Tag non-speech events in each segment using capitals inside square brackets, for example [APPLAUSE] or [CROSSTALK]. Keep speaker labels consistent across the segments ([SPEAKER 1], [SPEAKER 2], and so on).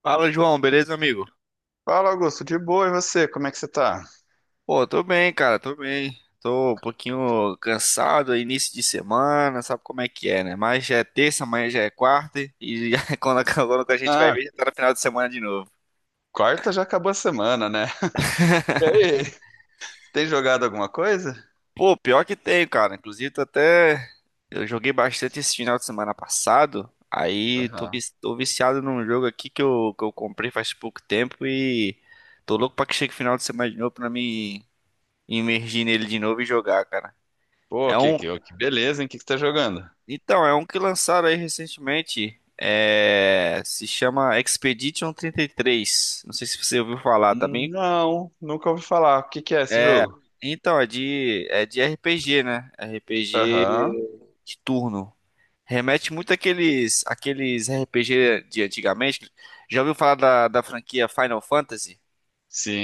[SPEAKER 1] Fala, João, beleza, amigo?
[SPEAKER 2] Fala, Augusto, de boa, e você? Como é que você tá?
[SPEAKER 1] Pô, tô bem, cara, tô bem. Tô um pouquinho cansado, é início de semana, sabe como é que é, né? Mas já é terça, amanhã já é quarta e já, [LAUGHS] quando a gente vai
[SPEAKER 2] Ah,
[SPEAKER 1] ver, já tá no final de semana de novo.
[SPEAKER 2] quarta já acabou a semana, né? [LAUGHS] E aí, tem jogado alguma coisa?
[SPEAKER 1] Pô, pior que tem, cara. Inclusive, tô até. Eu joguei bastante esse final de semana passado. Aí
[SPEAKER 2] Aham.
[SPEAKER 1] tô viciado num jogo aqui que eu comprei faz pouco tempo e tô louco pra que chegue o final de semana de novo pra me imergir nele de novo e jogar, cara.
[SPEAKER 2] Pô,
[SPEAKER 1] É
[SPEAKER 2] que,
[SPEAKER 1] um,
[SPEAKER 2] que, que beleza, hein? O que você tá jogando?
[SPEAKER 1] Então, é um que lançaram aí recentemente. É, se chama Expedition 33. Não sei se você ouviu falar, tá bem?
[SPEAKER 2] Não, nunca ouvi falar. O que é esse
[SPEAKER 1] É,
[SPEAKER 2] jogo?
[SPEAKER 1] então, é de RPG, né? RPG
[SPEAKER 2] Aham.
[SPEAKER 1] de turno. Remete muito àqueles RPG de antigamente. Já ouviu falar da franquia Final Fantasy?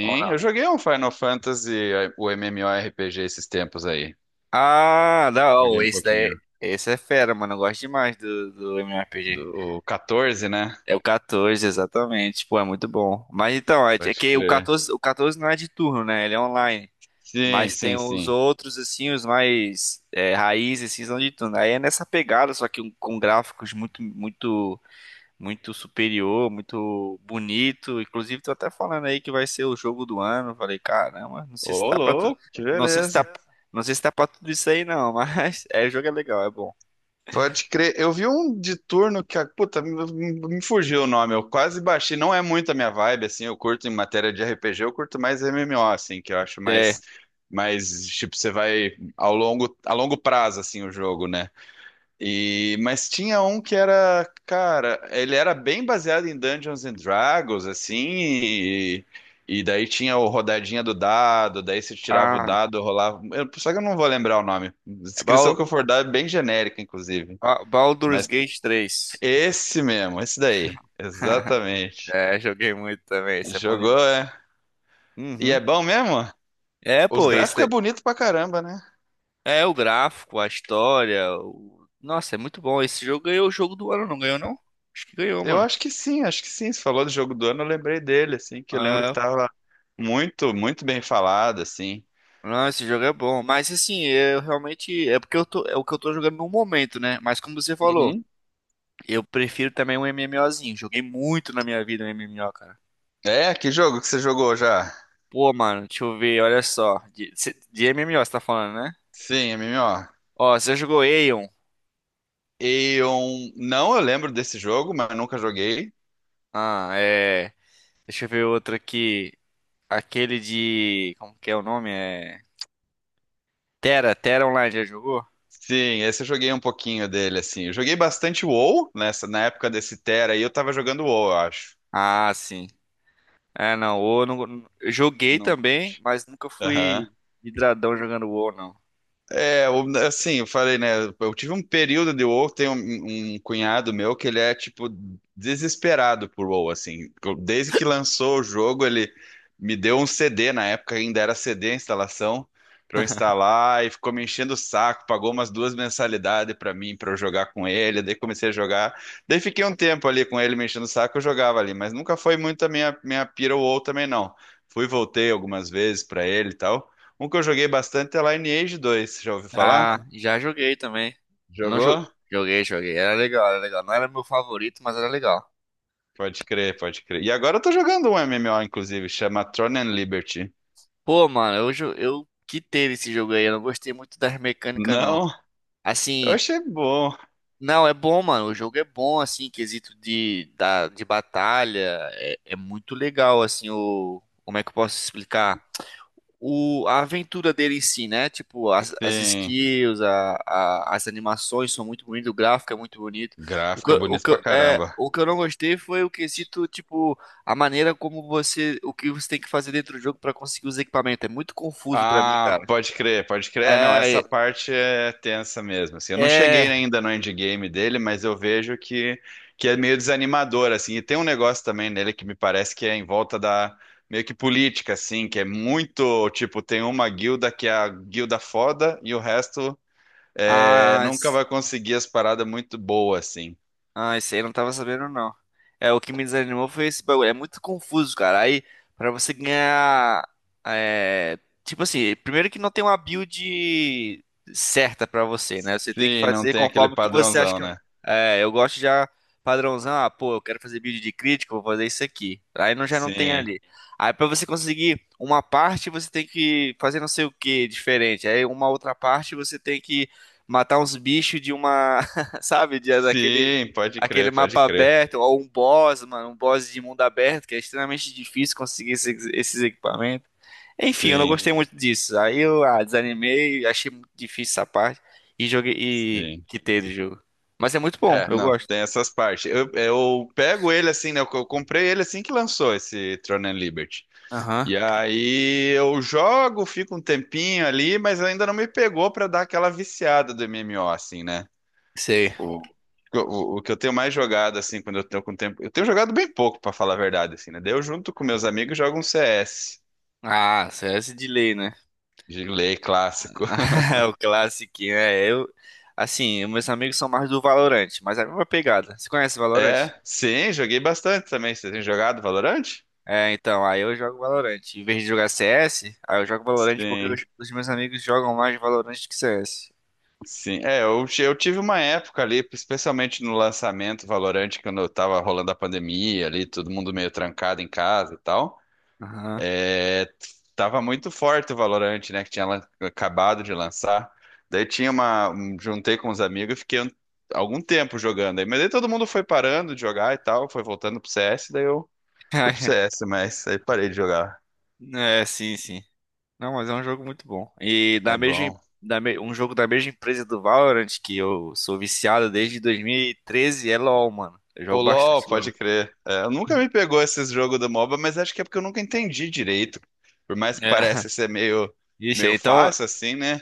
[SPEAKER 1] Ou
[SPEAKER 2] eu
[SPEAKER 1] não?
[SPEAKER 2] joguei um Final Fantasy, o MMORPG esses tempos aí.
[SPEAKER 1] Ah,
[SPEAKER 2] Joguei
[SPEAKER 1] não,
[SPEAKER 2] um
[SPEAKER 1] esse daí,
[SPEAKER 2] pouquinho.
[SPEAKER 1] esse é fera, mano. Eu gosto demais do MMORPG.
[SPEAKER 2] O 14, né?
[SPEAKER 1] É o 14, exatamente. Pô, é muito bom. Mas então, é
[SPEAKER 2] Pode
[SPEAKER 1] é que o
[SPEAKER 2] crer.
[SPEAKER 1] 14, o 14 não é de turno, né? Ele é online.
[SPEAKER 2] Sim,
[SPEAKER 1] Mas tem
[SPEAKER 2] sim,
[SPEAKER 1] os
[SPEAKER 2] sim.
[SPEAKER 1] outros, assim, os mais é, raízes, assim, são de turno. Aí é nessa pegada, só com gráficos muito, muito, muito superior, muito bonito. Inclusive, tô até falando aí que vai ser o jogo do ano. Eu falei, caramba, não sei se
[SPEAKER 2] Ô,
[SPEAKER 1] tá pra tudo.
[SPEAKER 2] louco, que
[SPEAKER 1] Não sei se
[SPEAKER 2] beleza.
[SPEAKER 1] tá, não sei se tá pra tudo isso aí, não. [LAUGHS] Mas é, o jogo é legal, é bom.
[SPEAKER 2] Pode crer. Eu vi um de turno que, puta, me fugiu o nome. Eu quase baixei. Não é muito a minha vibe, assim. Eu curto em matéria de RPG, eu curto mais MMO, assim, que eu acho
[SPEAKER 1] É.
[SPEAKER 2] mais tipo, você vai a longo prazo, assim, o jogo, né? E, mas tinha um que era, cara, ele era bem baseado em Dungeons and Dragons, assim, e daí tinha o rodadinha do dado, daí você tirava o
[SPEAKER 1] Ah,
[SPEAKER 2] dado, rolava. Só que eu não vou lembrar o nome.
[SPEAKER 1] é
[SPEAKER 2] Descrição
[SPEAKER 1] Bal-
[SPEAKER 2] que eu for dar é bem genérica, inclusive.
[SPEAKER 1] Ba- Baldur's
[SPEAKER 2] Mas
[SPEAKER 1] Gate 3.
[SPEAKER 2] esse mesmo, esse daí.
[SPEAKER 1] [LAUGHS]
[SPEAKER 2] Exatamente.
[SPEAKER 1] É, joguei muito também, isso é bom
[SPEAKER 2] Jogou,
[SPEAKER 1] demais.
[SPEAKER 2] é. E
[SPEAKER 1] Uhum.
[SPEAKER 2] é bom mesmo?
[SPEAKER 1] É,
[SPEAKER 2] Os
[SPEAKER 1] pô, esse
[SPEAKER 2] gráficos
[SPEAKER 1] é
[SPEAKER 2] é bonito pra caramba, né?
[SPEAKER 1] é o gráfico, a história. Nossa, é muito bom. Esse jogo ganhou o jogo do ano, não ganhou, não? Acho que ganhou,
[SPEAKER 2] Eu
[SPEAKER 1] mano.
[SPEAKER 2] acho que sim, acho que sim. Você falou do jogo do ano, eu lembrei dele, assim, que eu lembro que
[SPEAKER 1] É.
[SPEAKER 2] tava muito, muito bem falado, assim.
[SPEAKER 1] Não, esse jogo é bom. Mas assim, eu realmente. É porque eu tô. É o que eu tô jogando no momento, né? Mas como você falou,
[SPEAKER 2] Uhum.
[SPEAKER 1] eu prefiro também um MMOzinho. Joguei muito na minha vida um MMO, cara.
[SPEAKER 2] É, que jogo que você jogou já?
[SPEAKER 1] Pô, mano, deixa eu ver, olha só. De MMO você tá falando, né?
[SPEAKER 2] Sim, MMO.
[SPEAKER 1] Ó, você jogou Aeon?
[SPEAKER 2] Eu não, eu lembro desse jogo, mas eu nunca joguei.
[SPEAKER 1] Ah, é. Deixa eu ver outro aqui. Aquele de. Como que é o nome? É. Terra, Terra Online, já jogou?
[SPEAKER 2] Sim, esse eu joguei um pouquinho dele, assim. Eu joguei bastante WoW na época desse Terra aí, eu tava jogando WoW, eu acho.
[SPEAKER 1] Ah, sim. É, não, o não. Eu joguei
[SPEAKER 2] Não.
[SPEAKER 1] também,
[SPEAKER 2] Curti.
[SPEAKER 1] mas nunca
[SPEAKER 2] Aham.
[SPEAKER 1] fui hidradão jogando o não.
[SPEAKER 2] É, assim, eu falei, né? Eu tive um período de WoW, tem um cunhado meu que ele é, tipo, desesperado por WoW, assim. Desde que lançou o jogo, ele me deu um CD, na época ainda era CD a instalação, pra eu instalar, e ficou me enchendo o saco, pagou umas duas mensalidades pra mim, pra eu jogar com ele, daí comecei a jogar. Daí fiquei um tempo ali com ele me enchendo o saco, eu jogava ali, mas nunca foi muito a minha pira WoW também, não. Fui, voltei algumas vezes pra ele e tal. Um que eu joguei bastante é Lineage 2. Já ouviu falar?
[SPEAKER 1] Ah, já joguei também. Não jo-
[SPEAKER 2] Jogou?
[SPEAKER 1] Joguei, joguei. Era legal, era legal. Não era meu favorito, mas era legal.
[SPEAKER 2] Pode crer, pode crer. E agora eu tô jogando um MMO, inclusive, chama Throne and Liberty.
[SPEAKER 1] Pô, mano, eu quitei esse jogo aí. Eu não gostei muito das mecânicas, não.
[SPEAKER 2] Não? Eu
[SPEAKER 1] Assim,
[SPEAKER 2] achei bom.
[SPEAKER 1] não, é bom, mano. O jogo é bom, assim, em quesito de batalha. É, é muito legal, assim, o. Como é que eu posso explicar? A aventura dele em si, né? Tipo, as
[SPEAKER 2] Sim,
[SPEAKER 1] skills, as animações são muito bonitas, o gráfico é muito bonito.
[SPEAKER 2] gráfica bonita pra caramba.
[SPEAKER 1] O que eu não gostei foi o quesito, tipo, a maneira como você. O que você tem que fazer dentro do jogo pra conseguir os equipamentos. É muito confuso pra mim,
[SPEAKER 2] Ah,
[SPEAKER 1] cara.
[SPEAKER 2] pode crer, pode crer. É, não, essa
[SPEAKER 1] É,
[SPEAKER 2] parte é tensa mesmo, assim. Eu não cheguei
[SPEAKER 1] é.
[SPEAKER 2] ainda no endgame dele, mas eu vejo que é meio desanimador, assim. E tem um negócio também nele que me parece que é em volta da meio que política, assim, que é muito, tipo, tem uma guilda que é a guilda foda e o resto é, nunca
[SPEAKER 1] As,
[SPEAKER 2] vai conseguir as paradas muito boas, assim.
[SPEAKER 1] Ah, esse aí eu não tava sabendo, não. É, o que me desanimou foi esse bagulho. É muito confuso, cara. Aí, pra você ganhar. É, tipo assim, primeiro que não tem uma build certa pra você, né? Você tem que
[SPEAKER 2] Sim, não
[SPEAKER 1] fazer
[SPEAKER 2] tem aquele
[SPEAKER 1] conforme o que você acha
[SPEAKER 2] padrãozão,
[SPEAKER 1] que.
[SPEAKER 2] né?
[SPEAKER 1] É, eu gosto já padrãozão. Ah, pô, eu quero fazer build de crítico, vou fazer isso aqui. Aí não, já não tem
[SPEAKER 2] Sim,
[SPEAKER 1] ali. Aí pra você conseguir uma parte, você tem que fazer não sei o que diferente. Aí uma outra parte, você tem que matar uns bichos de uma. [LAUGHS] Sabe, de, daquele
[SPEAKER 2] sim, pode
[SPEAKER 1] aquele
[SPEAKER 2] crer, pode
[SPEAKER 1] mapa
[SPEAKER 2] crer.
[SPEAKER 1] aberto, ou um boss, mano, um boss de mundo aberto, que é extremamente difícil conseguir esses equipamentos. Enfim, eu não
[SPEAKER 2] Sim,
[SPEAKER 1] gostei muito disso. Aí eu desanimei, achei muito difícil essa parte e joguei e
[SPEAKER 2] sim.
[SPEAKER 1] quitei do jogo. Mas é muito bom,
[SPEAKER 2] É,
[SPEAKER 1] eu
[SPEAKER 2] não,
[SPEAKER 1] gosto.
[SPEAKER 2] tem essas partes. Eu pego ele assim, né? Eu comprei ele assim que lançou esse Throne and Liberty.
[SPEAKER 1] Aham,
[SPEAKER 2] E aí eu jogo, fico um tempinho ali, mas ainda não me pegou pra dar aquela viciada do MMO, assim, né?
[SPEAKER 1] sei.
[SPEAKER 2] O, o que eu tenho mais jogado, assim, quando eu tenho com tempo. Eu tenho jogado bem pouco, pra falar a verdade, assim, né? Daí eu junto com meus amigos jogo um CS.
[SPEAKER 1] Ah, CS de lei, né?
[SPEAKER 2] De lei clássico. [LAUGHS]
[SPEAKER 1] [LAUGHS] O clássico, né? Eu, assim, meus amigos são mais do Valorant, mas é a mesma pegada. Você conhece o Valorant?
[SPEAKER 2] É, sim, joguei bastante também. Você tem jogado Valorant?
[SPEAKER 1] É, então, aí eu jogo Valorant. Em vez de jogar CS, aí eu jogo Valorant porque os,
[SPEAKER 2] Sim.
[SPEAKER 1] os meus amigos jogam mais Valorant que CS.
[SPEAKER 2] Sim, é, eu tive uma época ali, especialmente no lançamento Valorant, quando eu tava rolando a pandemia ali, todo mundo meio trancado em casa e tal,
[SPEAKER 1] Aham.
[SPEAKER 2] é, tava muito forte o Valorant, né, que tinha acabado de lançar, daí juntei com os amigos e fiquei algum tempo jogando aí, mas daí todo mundo foi parando de jogar e tal, foi voltando pro CS, daí eu fui pro
[SPEAKER 1] [LAUGHS]
[SPEAKER 2] CS, mas aí parei de jogar,
[SPEAKER 1] É, sim, sim. Não, mas é um jogo muito bom. E da
[SPEAKER 2] é
[SPEAKER 1] mesma,
[SPEAKER 2] bom.
[SPEAKER 1] da me- um jogo da mesma empresa do Valorant, que eu sou viciado desde 2013, é LoL, mano. Eu
[SPEAKER 2] O
[SPEAKER 1] jogo
[SPEAKER 2] LoL,
[SPEAKER 1] bastante
[SPEAKER 2] pode
[SPEAKER 1] LoL.
[SPEAKER 2] crer. É, eu nunca me pegou esses jogos do MOBA, mas acho que é porque eu nunca entendi direito. Por mais que
[SPEAKER 1] É.
[SPEAKER 2] pareça
[SPEAKER 1] [LAUGHS]
[SPEAKER 2] ser meio,
[SPEAKER 1] Ixi,
[SPEAKER 2] meio
[SPEAKER 1] então,
[SPEAKER 2] fácil assim, né?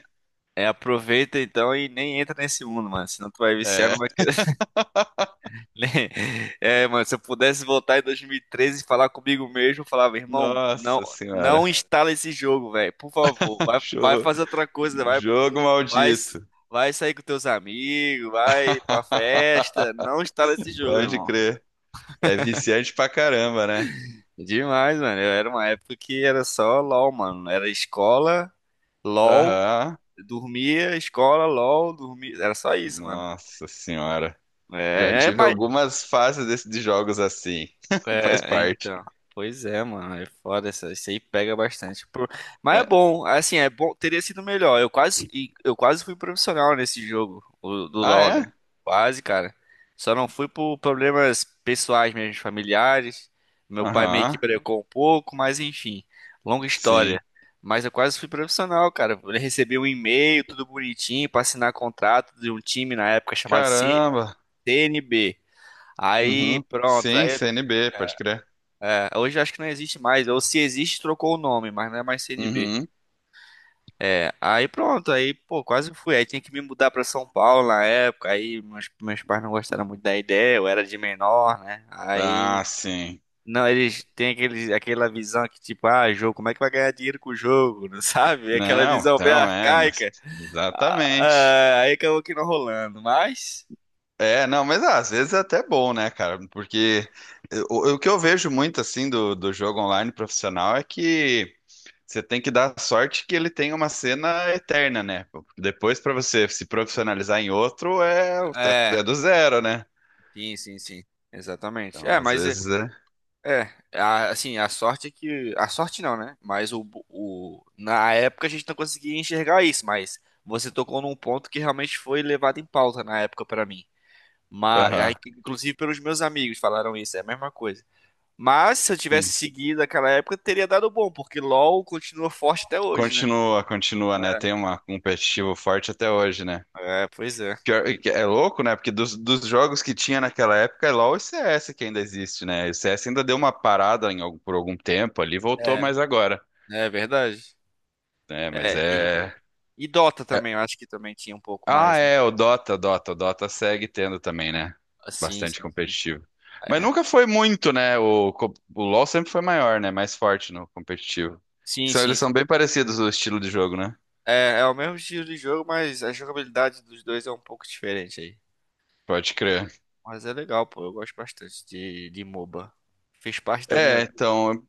[SPEAKER 1] aproveita então e nem entra nesse mundo, mano. Senão tu vai viciar, não
[SPEAKER 2] É.
[SPEAKER 1] vai. [LAUGHS] É, mano, se eu pudesse voltar em 2013 e falar comigo mesmo, eu falava, irmão, não,
[SPEAKER 2] Nossa
[SPEAKER 1] não
[SPEAKER 2] senhora.
[SPEAKER 1] instala esse jogo, velho, por favor,
[SPEAKER 2] [LAUGHS]
[SPEAKER 1] vai, vai
[SPEAKER 2] Jo-
[SPEAKER 1] fazer outra coisa, vai,
[SPEAKER 2] Jogo
[SPEAKER 1] vai,
[SPEAKER 2] maldito.
[SPEAKER 1] vai sair com teus amigos, vai pra festa, não instala esse
[SPEAKER 2] [LAUGHS]
[SPEAKER 1] jogo,
[SPEAKER 2] Pode
[SPEAKER 1] irmão.
[SPEAKER 2] crer. É viciante pra caramba, né?
[SPEAKER 1] Demais, mano, era uma época que era só LOL, mano, era LOL,
[SPEAKER 2] Aham.
[SPEAKER 1] escola, LOL, dormia, era só isso, mano.
[SPEAKER 2] Nossa senhora. Já
[SPEAKER 1] É,
[SPEAKER 2] tive algumas fases de jogos assim. [LAUGHS] Faz
[SPEAKER 1] É,
[SPEAKER 2] parte.
[SPEAKER 1] então. Pois é, mano. É foda essa. Isso aí pega bastante. Por- Mas é
[SPEAKER 2] É.
[SPEAKER 1] bom, assim, é bom. Teria sido melhor. Eu quase fui profissional nesse jogo, do
[SPEAKER 2] Ah,
[SPEAKER 1] LoL, né?
[SPEAKER 2] é?
[SPEAKER 1] Quase, cara. Só não fui por problemas pessoais mesmo, familiares. Meu pai meio que
[SPEAKER 2] Aham.
[SPEAKER 1] brecou um pouco, mas enfim, longa
[SPEAKER 2] Sim.
[SPEAKER 1] história. Mas eu quase fui profissional, cara. Eu recebi um e-mail, tudo bonitinho, pra assinar contrato de um time na época chamado
[SPEAKER 2] Caramba.
[SPEAKER 1] CNB. Aí,
[SPEAKER 2] Uhum.
[SPEAKER 1] pronto,
[SPEAKER 2] Sim, C N B, pode crer.
[SPEAKER 1] hoje acho que não existe mais. Ou se existe, trocou o nome, mas não é mais CNB.
[SPEAKER 2] Uhum.
[SPEAKER 1] É, aí pronto, aí, pô, quase fui. Aí tinha que me mudar pra São Paulo na época. Aí meus pais não gostaram muito da ideia, eu era de menor, né?
[SPEAKER 2] Ah,
[SPEAKER 1] Aí.
[SPEAKER 2] sim.
[SPEAKER 1] Não, eles têm aquela visão que, tipo, ah, jogo, como é que vai ganhar dinheiro com o jogo? [LAUGHS] Não sabe? Aquela
[SPEAKER 2] Não,
[SPEAKER 1] visão bem
[SPEAKER 2] então é,
[SPEAKER 1] arcaica. Ah,
[SPEAKER 2] exatamente.
[SPEAKER 1] ah, aí acabou que não rolando, mas.
[SPEAKER 2] É, não, mas ah, às vezes é até bom, né, cara? Porque o que eu vejo muito assim do jogo online profissional é que você tem que dar sorte que ele tenha uma cena eterna, né? Depois, pra você se profissionalizar em outro,
[SPEAKER 1] É,
[SPEAKER 2] é do zero, né?
[SPEAKER 1] sim, sim, sim. Exatamente.
[SPEAKER 2] Então,
[SPEAKER 1] É,
[SPEAKER 2] às
[SPEAKER 1] mas. É,
[SPEAKER 2] vezes é.
[SPEAKER 1] É, assim, a sorte é que. A sorte não, né? Mas na época a gente não conseguia enxergar isso, mas você tocou num ponto que realmente foi levado em pauta na época pra mim. Mas, aí,
[SPEAKER 2] Aham,
[SPEAKER 1] inclusive pelos meus amigos falaram isso, é a mesma coisa. Mas se eu tivesse
[SPEAKER 2] sim.
[SPEAKER 1] seguido aquela época, teria dado bom, porque LoL continua forte até hoje, né?
[SPEAKER 2] Continua, continua, né? Tem uma um competitivo forte até hoje, né?
[SPEAKER 1] É, é, pois é.
[SPEAKER 2] É louco, né? Porque dos jogos que tinha naquela época, é LoL e CS que ainda existe, né? O CS ainda deu uma parada em por algum tempo ali, voltou
[SPEAKER 1] É,
[SPEAKER 2] mais agora.
[SPEAKER 1] é verdade.
[SPEAKER 2] É, mas
[SPEAKER 1] É, e,
[SPEAKER 2] é...
[SPEAKER 1] e Dota
[SPEAKER 2] é-
[SPEAKER 1] também, eu acho que também tinha um pouco
[SPEAKER 2] Ah,
[SPEAKER 1] mais, né?
[SPEAKER 2] é, o o Dota segue tendo também, né?
[SPEAKER 1] Ah, sim,
[SPEAKER 2] Bastante
[SPEAKER 1] sim.
[SPEAKER 2] competitivo. Mas
[SPEAKER 1] É.
[SPEAKER 2] nunca foi muito, né? O LoL sempre foi maior, né? Mais forte no competitivo.
[SPEAKER 1] Sim, sim,
[SPEAKER 2] Eles são
[SPEAKER 1] sim.
[SPEAKER 2] bem parecidos o estilo de jogo, né?
[SPEAKER 1] É, é o mesmo estilo de jogo, mas a jogabilidade dos dois é um pouco diferente aí.
[SPEAKER 2] Pode crer.
[SPEAKER 1] Mas é legal, pô. Eu gosto bastante de MOBA. Fez parte da minha
[SPEAKER 2] É,
[SPEAKER 1] vida.
[SPEAKER 2] então, eu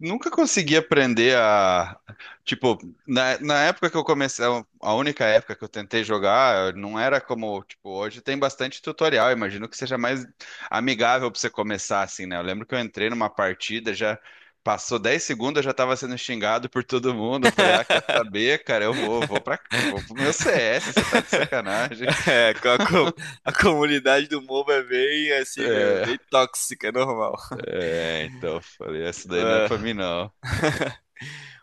[SPEAKER 2] nunca consegui aprender a, tipo, na época que eu comecei, a única época que eu tentei jogar, não era como, tipo, hoje tem bastante tutorial, imagino que seja mais amigável pra você começar assim, né? Eu lembro que eu entrei numa partida, já passou 10 segundos, eu já tava sendo xingado por todo mundo, eu falei, ah, quer saber, cara, eu vou pro meu CS, você tá de
[SPEAKER 1] [LAUGHS]
[SPEAKER 2] sacanagem.
[SPEAKER 1] É, a comunidade do MOBA é bem assim mesmo, é
[SPEAKER 2] É,
[SPEAKER 1] bem tóxica, é normal.
[SPEAKER 2] é, então, eu falei, essa daí não é
[SPEAKER 1] É.
[SPEAKER 2] pra mim não.
[SPEAKER 1] [LAUGHS]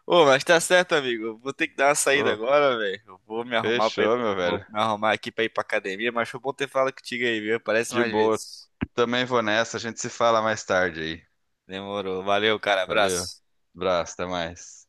[SPEAKER 1] Ô, mas tá certo, amigo. Eu vou ter que dar uma saída
[SPEAKER 2] Pô,
[SPEAKER 1] agora, velho. Eu Vou me arrumar pra ir,
[SPEAKER 2] fechou, meu
[SPEAKER 1] vou
[SPEAKER 2] velho.
[SPEAKER 1] me arrumar aqui pra ir pra academia, mas foi bom ter falado contigo aí, viu? Aparece
[SPEAKER 2] De
[SPEAKER 1] mais
[SPEAKER 2] boa.
[SPEAKER 1] vezes.
[SPEAKER 2] Também vou nessa. A gente se fala mais tarde aí.
[SPEAKER 1] Demorou. Valeu, cara.
[SPEAKER 2] Valeu.
[SPEAKER 1] Abraço.
[SPEAKER 2] Abraço, até mais.